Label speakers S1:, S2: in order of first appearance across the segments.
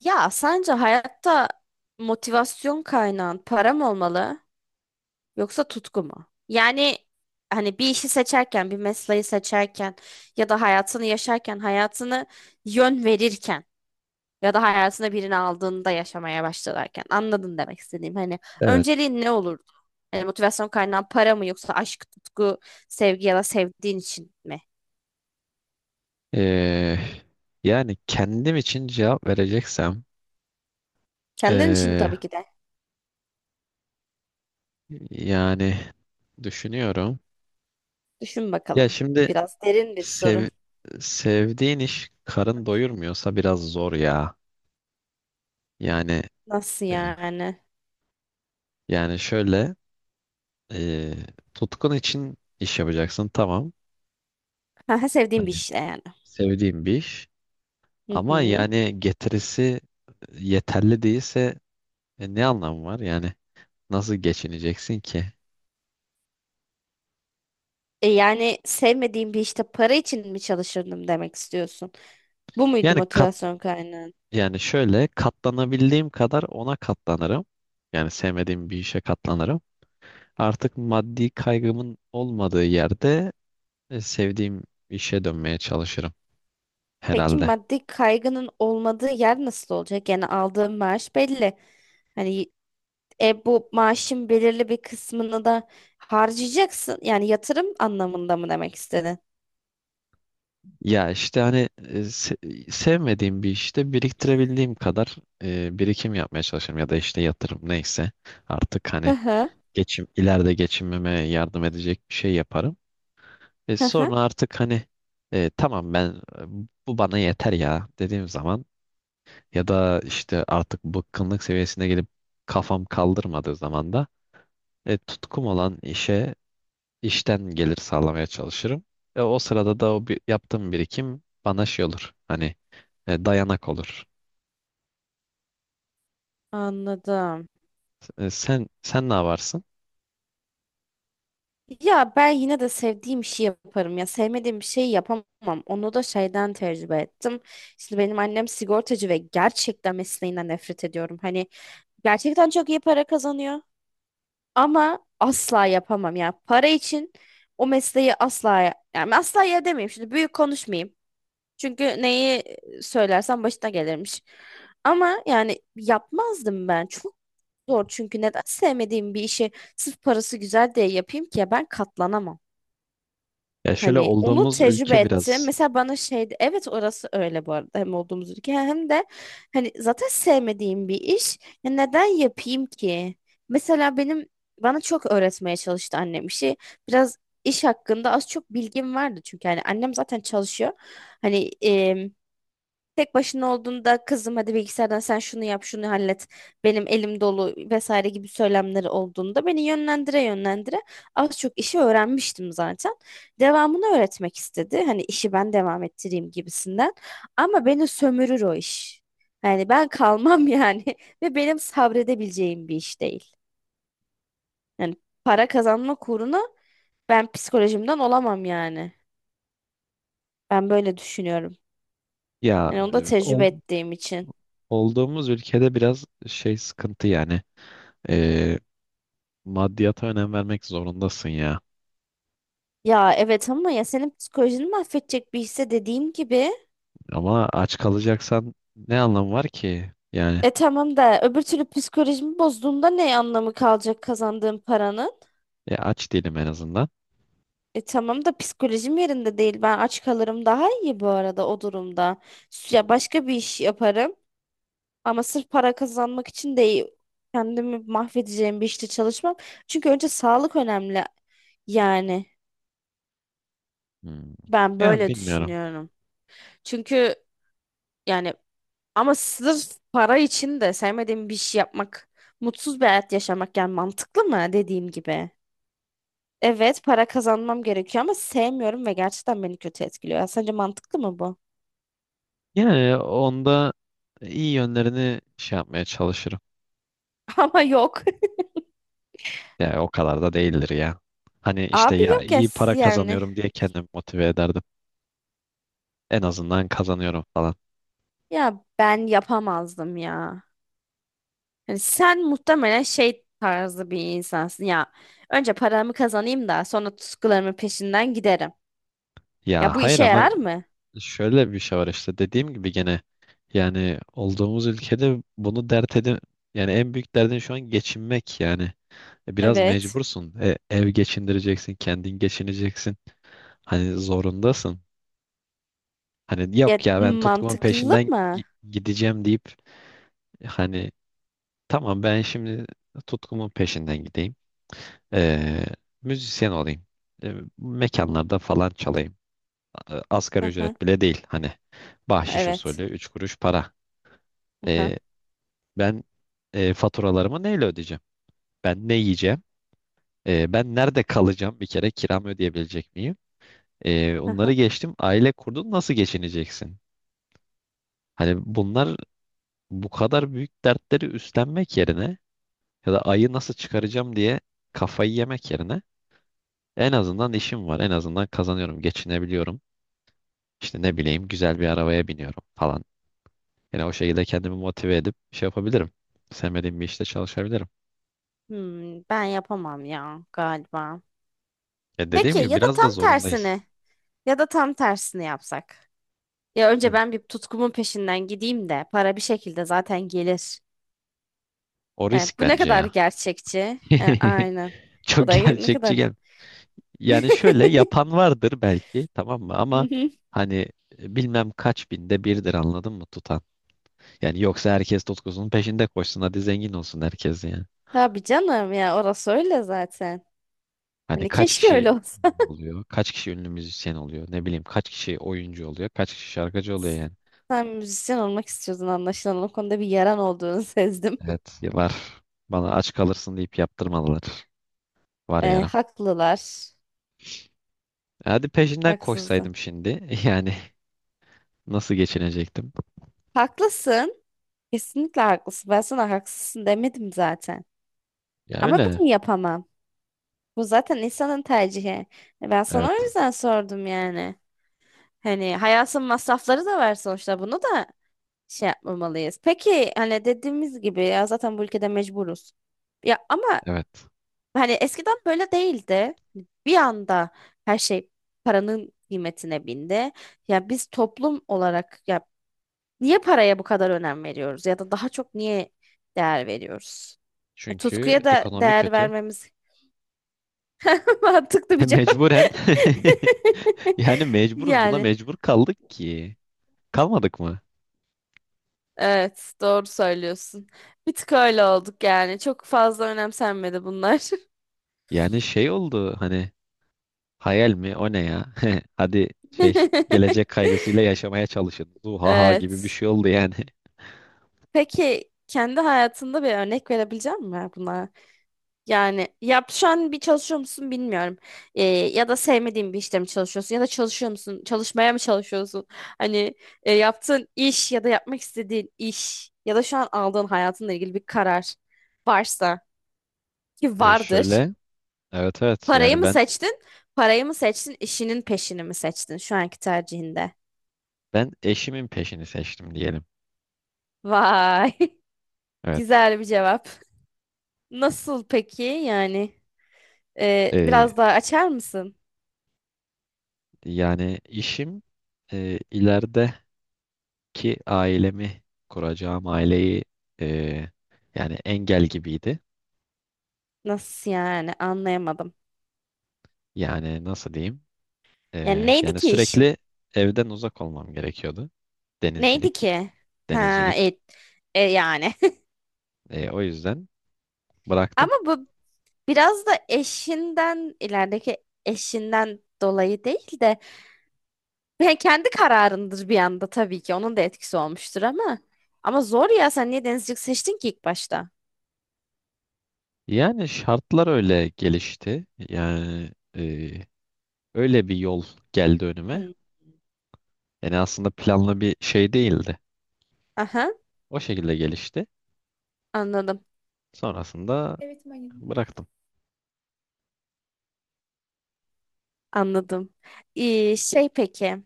S1: Ya sence hayatta motivasyon kaynağın para mı olmalı yoksa tutku mu? Yani hani bir işi seçerken, bir mesleği seçerken ya da hayatını yaşarken, hayatını yön verirken ya da hayatına birini aldığında yaşamaya başlarken anladın demek istediğim. Hani
S2: Evet.
S1: önceliğin ne olurdu? Hani motivasyon kaynağın para mı yoksa aşk, tutku, sevgi ya da sevdiğin için mi?
S2: Ee, Yani kendim için cevap vereceksem
S1: Kendin için
S2: ee,
S1: tabii ki de.
S2: yani düşünüyorum.
S1: Düşün
S2: Ya
S1: bakalım.
S2: şimdi
S1: Biraz derin bir soru.
S2: sev, sevdiğin iş karın doyurmuyorsa biraz zor ya. Yani
S1: Nasıl
S2: e,
S1: yani?
S2: yani şöyle e, tutkun için iş yapacaksın, tamam.
S1: Ha, sevdiğim bir
S2: Hani
S1: işte yani.
S2: sevdiğin bir iş
S1: Hı
S2: ama
S1: hı.
S2: yani getirisi yeterli değilse ne anlamı var? Yani nasıl geçineceksin ki?
S1: E yani sevmediğim bir işte para için mi çalışırdım demek istiyorsun? Bu muydu
S2: Yani kat
S1: motivasyon kaynağın?
S2: Yani şöyle katlanabildiğim kadar ona katlanırım. Yani sevmediğim bir işe katlanırım. Artık maddi kaygımın olmadığı yerde sevdiğim işe dönmeye çalışırım
S1: Peki
S2: herhalde.
S1: maddi kaygının olmadığı yer nasıl olacak? Yani aldığım maaş belli. Hani bu maaşın belirli bir kısmını da harcayacaksın. Yani yatırım anlamında mı demek istedin?
S2: Ya işte hani sevmediğim bir işte biriktirebildiğim kadar birikim yapmaya çalışırım ya da işte yatırım neyse artık
S1: Hı
S2: hani
S1: hı.
S2: geçim ileride geçinmeme yardım edecek bir şey yaparım.
S1: Hı hı.
S2: Sonra artık hani tamam ben e, bu bana yeter ya dediğim zaman. Ya da işte artık bıkkınlık seviyesine gelip kafam kaldırmadığı zaman da tutkum olan işe, işten gelir sağlamaya çalışırım. O sırada da o yaptığım birikim bana şey olur. Hani dayanak olur.
S1: Anladım.
S2: Sen ne yaparsın?
S1: Ya ben yine de sevdiğim işi yaparım, ya sevmediğim bir şeyi yapamam. Onu da şeyden tecrübe ettim. Şimdi benim annem sigortacı ve gerçekten mesleğinden nefret ediyorum. Hani gerçekten çok iyi para kazanıyor ama asla yapamam ya. Para için o mesleği asla, yani asla ya demeyeyim. Şimdi büyük konuşmayayım. Çünkü neyi söylersem başına gelirmiş. Ama yani yapmazdım ben. Çok zor, çünkü neden sevmediğim bir işi sırf parası güzel diye yapayım ki, ya ben katlanamam.
S2: Ya şöyle
S1: Hani onu
S2: olduğumuz
S1: tecrübe
S2: ülke
S1: ettim.
S2: biraz
S1: Mesela bana şeydi, evet orası öyle, bu arada hem olduğumuz ülke hem de hani zaten sevmediğim bir iş. Ya neden yapayım ki? Mesela benim bana çok öğretmeye çalıştı annem işi. Biraz iş hakkında az çok bilgim vardı, çünkü hani annem zaten çalışıyor. Hani tek başına olduğunda "kızım hadi bilgisayardan sen şunu yap, şunu hallet, benim elim dolu" vesaire gibi söylemleri olduğunda beni yönlendire yönlendire az çok işi öğrenmiştim zaten. Devamını öğretmek istedi, hani işi ben devam ettireyim gibisinden, ama beni sömürür o iş. Yani ben kalmam yani ve benim sabredebileceğim bir iş değil. Yani para kazanma uğruna ben psikolojimden olamam yani. Ben böyle düşünüyorum.
S2: ya
S1: Yani onu da
S2: e,
S1: tecrübe
S2: ol-
S1: ettiğim için.
S2: Olduğumuz ülkede biraz şey sıkıntı yani. E, Maddiyata önem vermek zorundasın ya.
S1: Ya evet, ama ya senin psikolojini mahvedecek bir hisse, dediğim gibi.
S2: Ama aç kalacaksan ne anlamı var ki? Yani
S1: E tamam da öbür türlü psikolojimi bozduğumda ne anlamı kalacak kazandığım paranın?
S2: aç değilim en azından.
S1: E tamam da psikolojim yerinde değil. Ben aç kalırım daha iyi, bu arada, o durumda. Ya başka bir iş yaparım ama sırf para kazanmak için değil. Kendimi mahvedeceğim bir işte çalışmam. Çünkü önce sağlık önemli. Yani
S2: Hmm.
S1: ben
S2: Ya
S1: böyle
S2: bilmiyorum.
S1: düşünüyorum. Çünkü yani Ama sırf para için de sevmediğim bir şey yapmak, mutsuz bir hayat yaşamak, yani mantıklı mı, dediğim gibi? Evet, para kazanmam gerekiyor ama sevmiyorum ve gerçekten beni kötü etkiliyor. Ya sence mantıklı mı bu?
S2: Yani onda iyi yönlerini şey yapmaya çalışırım.
S1: Ama yok.
S2: Yani o kadar da değildir ya. Hani işte
S1: Abi
S2: ya
S1: yok ya
S2: iyi para
S1: yani.
S2: kazanıyorum diye kendimi motive ederdim. En azından kazanıyorum falan.
S1: Ya ben yapamazdım ya. Yani sen muhtemelen şey tarzı bir insansın ya. Önce paramı kazanayım da sonra tutkularımın peşinden giderim.
S2: Ya
S1: Ya bu
S2: hayır,
S1: işe
S2: ama
S1: yarar mı?
S2: şöyle bir şey var, işte dediğim gibi gene yani olduğumuz ülkede bunu dert edin, yani en büyük derdin şu an geçinmek yani. Biraz
S1: Evet.
S2: mecbursun. E, ev geçindireceksin, kendin geçineceksin. Hani zorundasın. Hani
S1: Ya
S2: yok ya ben
S1: mantıklı mı?
S2: gideceğim deyip hani tamam, ben şimdi tutkumun peşinden gideyim. Ee, Müzisyen olayım. Mekanlarda falan çalayım. Asgari ücret bile değil hani. Bahşiş usulü
S1: Evet.
S2: 3 kuruş para.
S1: Aha,
S2: Ee, Ben faturalarımı neyle ödeyeceğim? Ben ne yiyeceğim? Ben nerede kalacağım? Bir kere kiramı ödeyebilecek miyim? Onları
S1: aha.
S2: geçtim. Aile kurdun, nasıl geçineceksin? Hani bunlar, bu kadar büyük dertleri üstlenmek yerine, ya da ayı nasıl çıkaracağım diye kafayı yemek yerine, en azından işim var. En azından kazanıyorum, geçinebiliyorum. İşte ne bileyim, güzel bir arabaya biniyorum falan. Yani o şekilde kendimi motive edip şey yapabilirim. Sevmediğim bir işte çalışabilirim.
S1: Ben yapamam ya galiba.
S2: Ya dediğim
S1: Peki
S2: gibi
S1: ya da
S2: biraz da
S1: tam
S2: zorundayız.
S1: tersini ya da tam tersini yapsak. Ya önce
S2: Hı.
S1: ben bir tutkumun peşinden gideyim de para bir şekilde zaten gelir.
S2: O
S1: E,
S2: risk
S1: bu ne
S2: bence
S1: kadar
S2: ya.
S1: gerçekçi? E, aynen. Bu
S2: Çok
S1: da ne
S2: gerçekçi
S1: kadar.
S2: gel. Yani şöyle yapan vardır belki, tamam mı? Ama hani bilmem kaç binde birdir, anladın mı, tutan. Yani yoksa herkes tutkusunun peşinde koşsun, hadi zengin olsun herkes yani.
S1: Tabii canım ya, orası öyle zaten.
S2: Hani
S1: Hani
S2: kaç
S1: keşke
S2: kişi
S1: öyle olsa.
S2: oluyor? Kaç kişi ünlü müzisyen oluyor? Ne bileyim kaç kişi oyuncu oluyor? Kaç kişi şarkıcı oluyor yani?
S1: Sen müzisyen olmak istiyordun anlaşılan. O konuda bir yaran olduğunu sezdim.
S2: Evet, var. Bana aç kalırsın deyip yaptırmadılar. Var
S1: E,
S2: yaram.
S1: haklılar.
S2: Hadi peşinden
S1: Haksızdı.
S2: koşsaydım şimdi. Yani nasıl geçinecektim?
S1: Haklısın. Kesinlikle haklısın. Ben sana haksızsın demedim zaten.
S2: Ya
S1: Ama
S2: öyle.
S1: ben yapamam. Bu zaten insanın tercihi. E, ben sana
S2: Evet.
S1: o yüzden sordum yani. Hani hayatın masrafları da var sonuçta. Bunu da şey yapmamalıyız. Peki, hani dediğimiz gibi, ya zaten bu ülkede mecburuz. Ya ama
S2: Evet.
S1: hani eskiden böyle değildi. Bir anda her şey paranın kıymetine bindi. Ya biz toplum olarak ya niye paraya bu kadar önem veriyoruz ya da daha çok niye değer veriyoruz? E,
S2: Çünkü
S1: tutkuya da
S2: ekonomi
S1: değer
S2: kötü.
S1: vermemiz mantıklı bir cevap.
S2: Mecburen. Yani mecburuz. Buna
S1: Yani
S2: mecbur kaldık ki. Kalmadık mı?
S1: evet, doğru söylüyorsun. Bir tık öyle olduk yani. Çok fazla önemsenmedi bunlar.
S2: Yani şey oldu hani, hayal mi? O ne ya? Hadi şey, gelecek kaygısıyla yaşamaya çalışın. Zuhaha gibi bir
S1: Evet.
S2: şey oldu yani.
S1: Peki kendi hayatında bir örnek verebilecek misin bunlara? Yani şu an bir çalışıyor musun bilmiyorum. Ya da sevmediğin bir işte mi çalışıyorsun ya da çalışıyor musun? Çalışmaya mı çalışıyorsun? Hani yaptığın iş ya da yapmak istediğin iş ya da şu an aldığın hayatınla ilgili bir karar varsa, ki
S2: E
S1: vardır.
S2: şöyle evet evet
S1: Parayı
S2: yani
S1: mı
S2: ben
S1: seçtin? Parayı mı seçtin? İşinin peşini mi seçtin şu anki tercihinde?
S2: ben eşimin peşini seçtim diyelim.
S1: Vay,
S2: Evet.
S1: güzel bir cevap. Nasıl peki yani?
S2: E,
S1: Biraz daha açar mısın?
S2: Yani işim ilerideki ailemi, kuracağım aileyi e, yani engel gibiydi.
S1: Nasıl yani? Anlayamadım.
S2: Yani nasıl diyeyim?
S1: Yani neydi
S2: Yani
S1: ki işin?
S2: sürekli evden uzak olmam gerekiyordu.
S1: Neydi
S2: Denizcilik,
S1: ki? Ha,
S2: denizcilik.
S1: et. E, yani.
S2: O yüzden bıraktım.
S1: Ama bu biraz da eşinden ilerideki dolayı değil de, yani kendi kararındır bir anda tabii ki. Onun da etkisi olmuştur ama. Ama zor ya, sen niye denizcilik seçtin ki ilk başta?
S2: Yani şartlar öyle gelişti. Yani öyle bir yol geldi önüme.
S1: Hmm.
S2: Yani aslında planlı bir şey değildi.
S1: Aha,
S2: O şekilde gelişti.
S1: anladım.
S2: Sonrasında bıraktım.
S1: Anladım. Şey peki.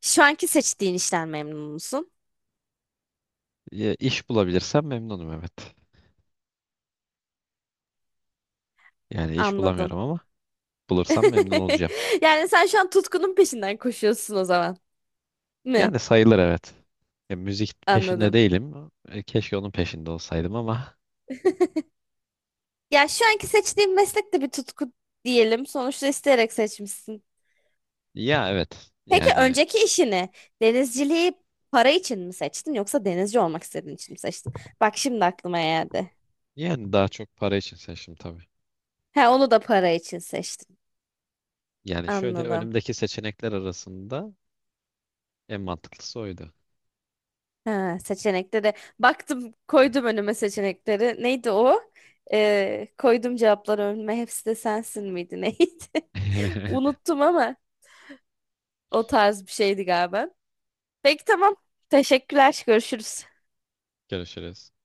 S1: Şu anki seçtiğin işten memnun musun?
S2: Ya, iş bulabilirsem memnunum, evet. Yani iş
S1: Anladım.
S2: bulamıyorum ama bulursam memnun olacağım.
S1: Yani sen şu an tutkunun peşinden koşuyorsun o zaman. Mi?
S2: Yani sayılır, evet. Ya, müzik peşinde
S1: Anladım.
S2: değilim. E, keşke onun peşinde olsaydım ama
S1: Ya şu anki seçtiğin meslek de bir tutku diyelim. Sonuçta isteyerek seçmişsin.
S2: ya evet.
S1: Peki önceki işini, denizciliği, para için mi seçtin yoksa denizci olmak istediğin için mi seçtin? Bak şimdi aklıma geldi.
S2: Yani daha çok para için seçtim tabii.
S1: He, onu da para için seçtin.
S2: Yani şöyle
S1: Anladım.
S2: önümdeki seçenekler arasında en mantıklısı oydu.
S1: Ha, seçenekleri, baktım koydum önüme seçenekleri. Neydi o? Koydum cevapları önüme. Hepsi de sensin miydi neydi? Unuttum ama o tarz bir şeydi galiba. Peki tamam. Teşekkürler. Görüşürüz.
S2: Görüşürüz.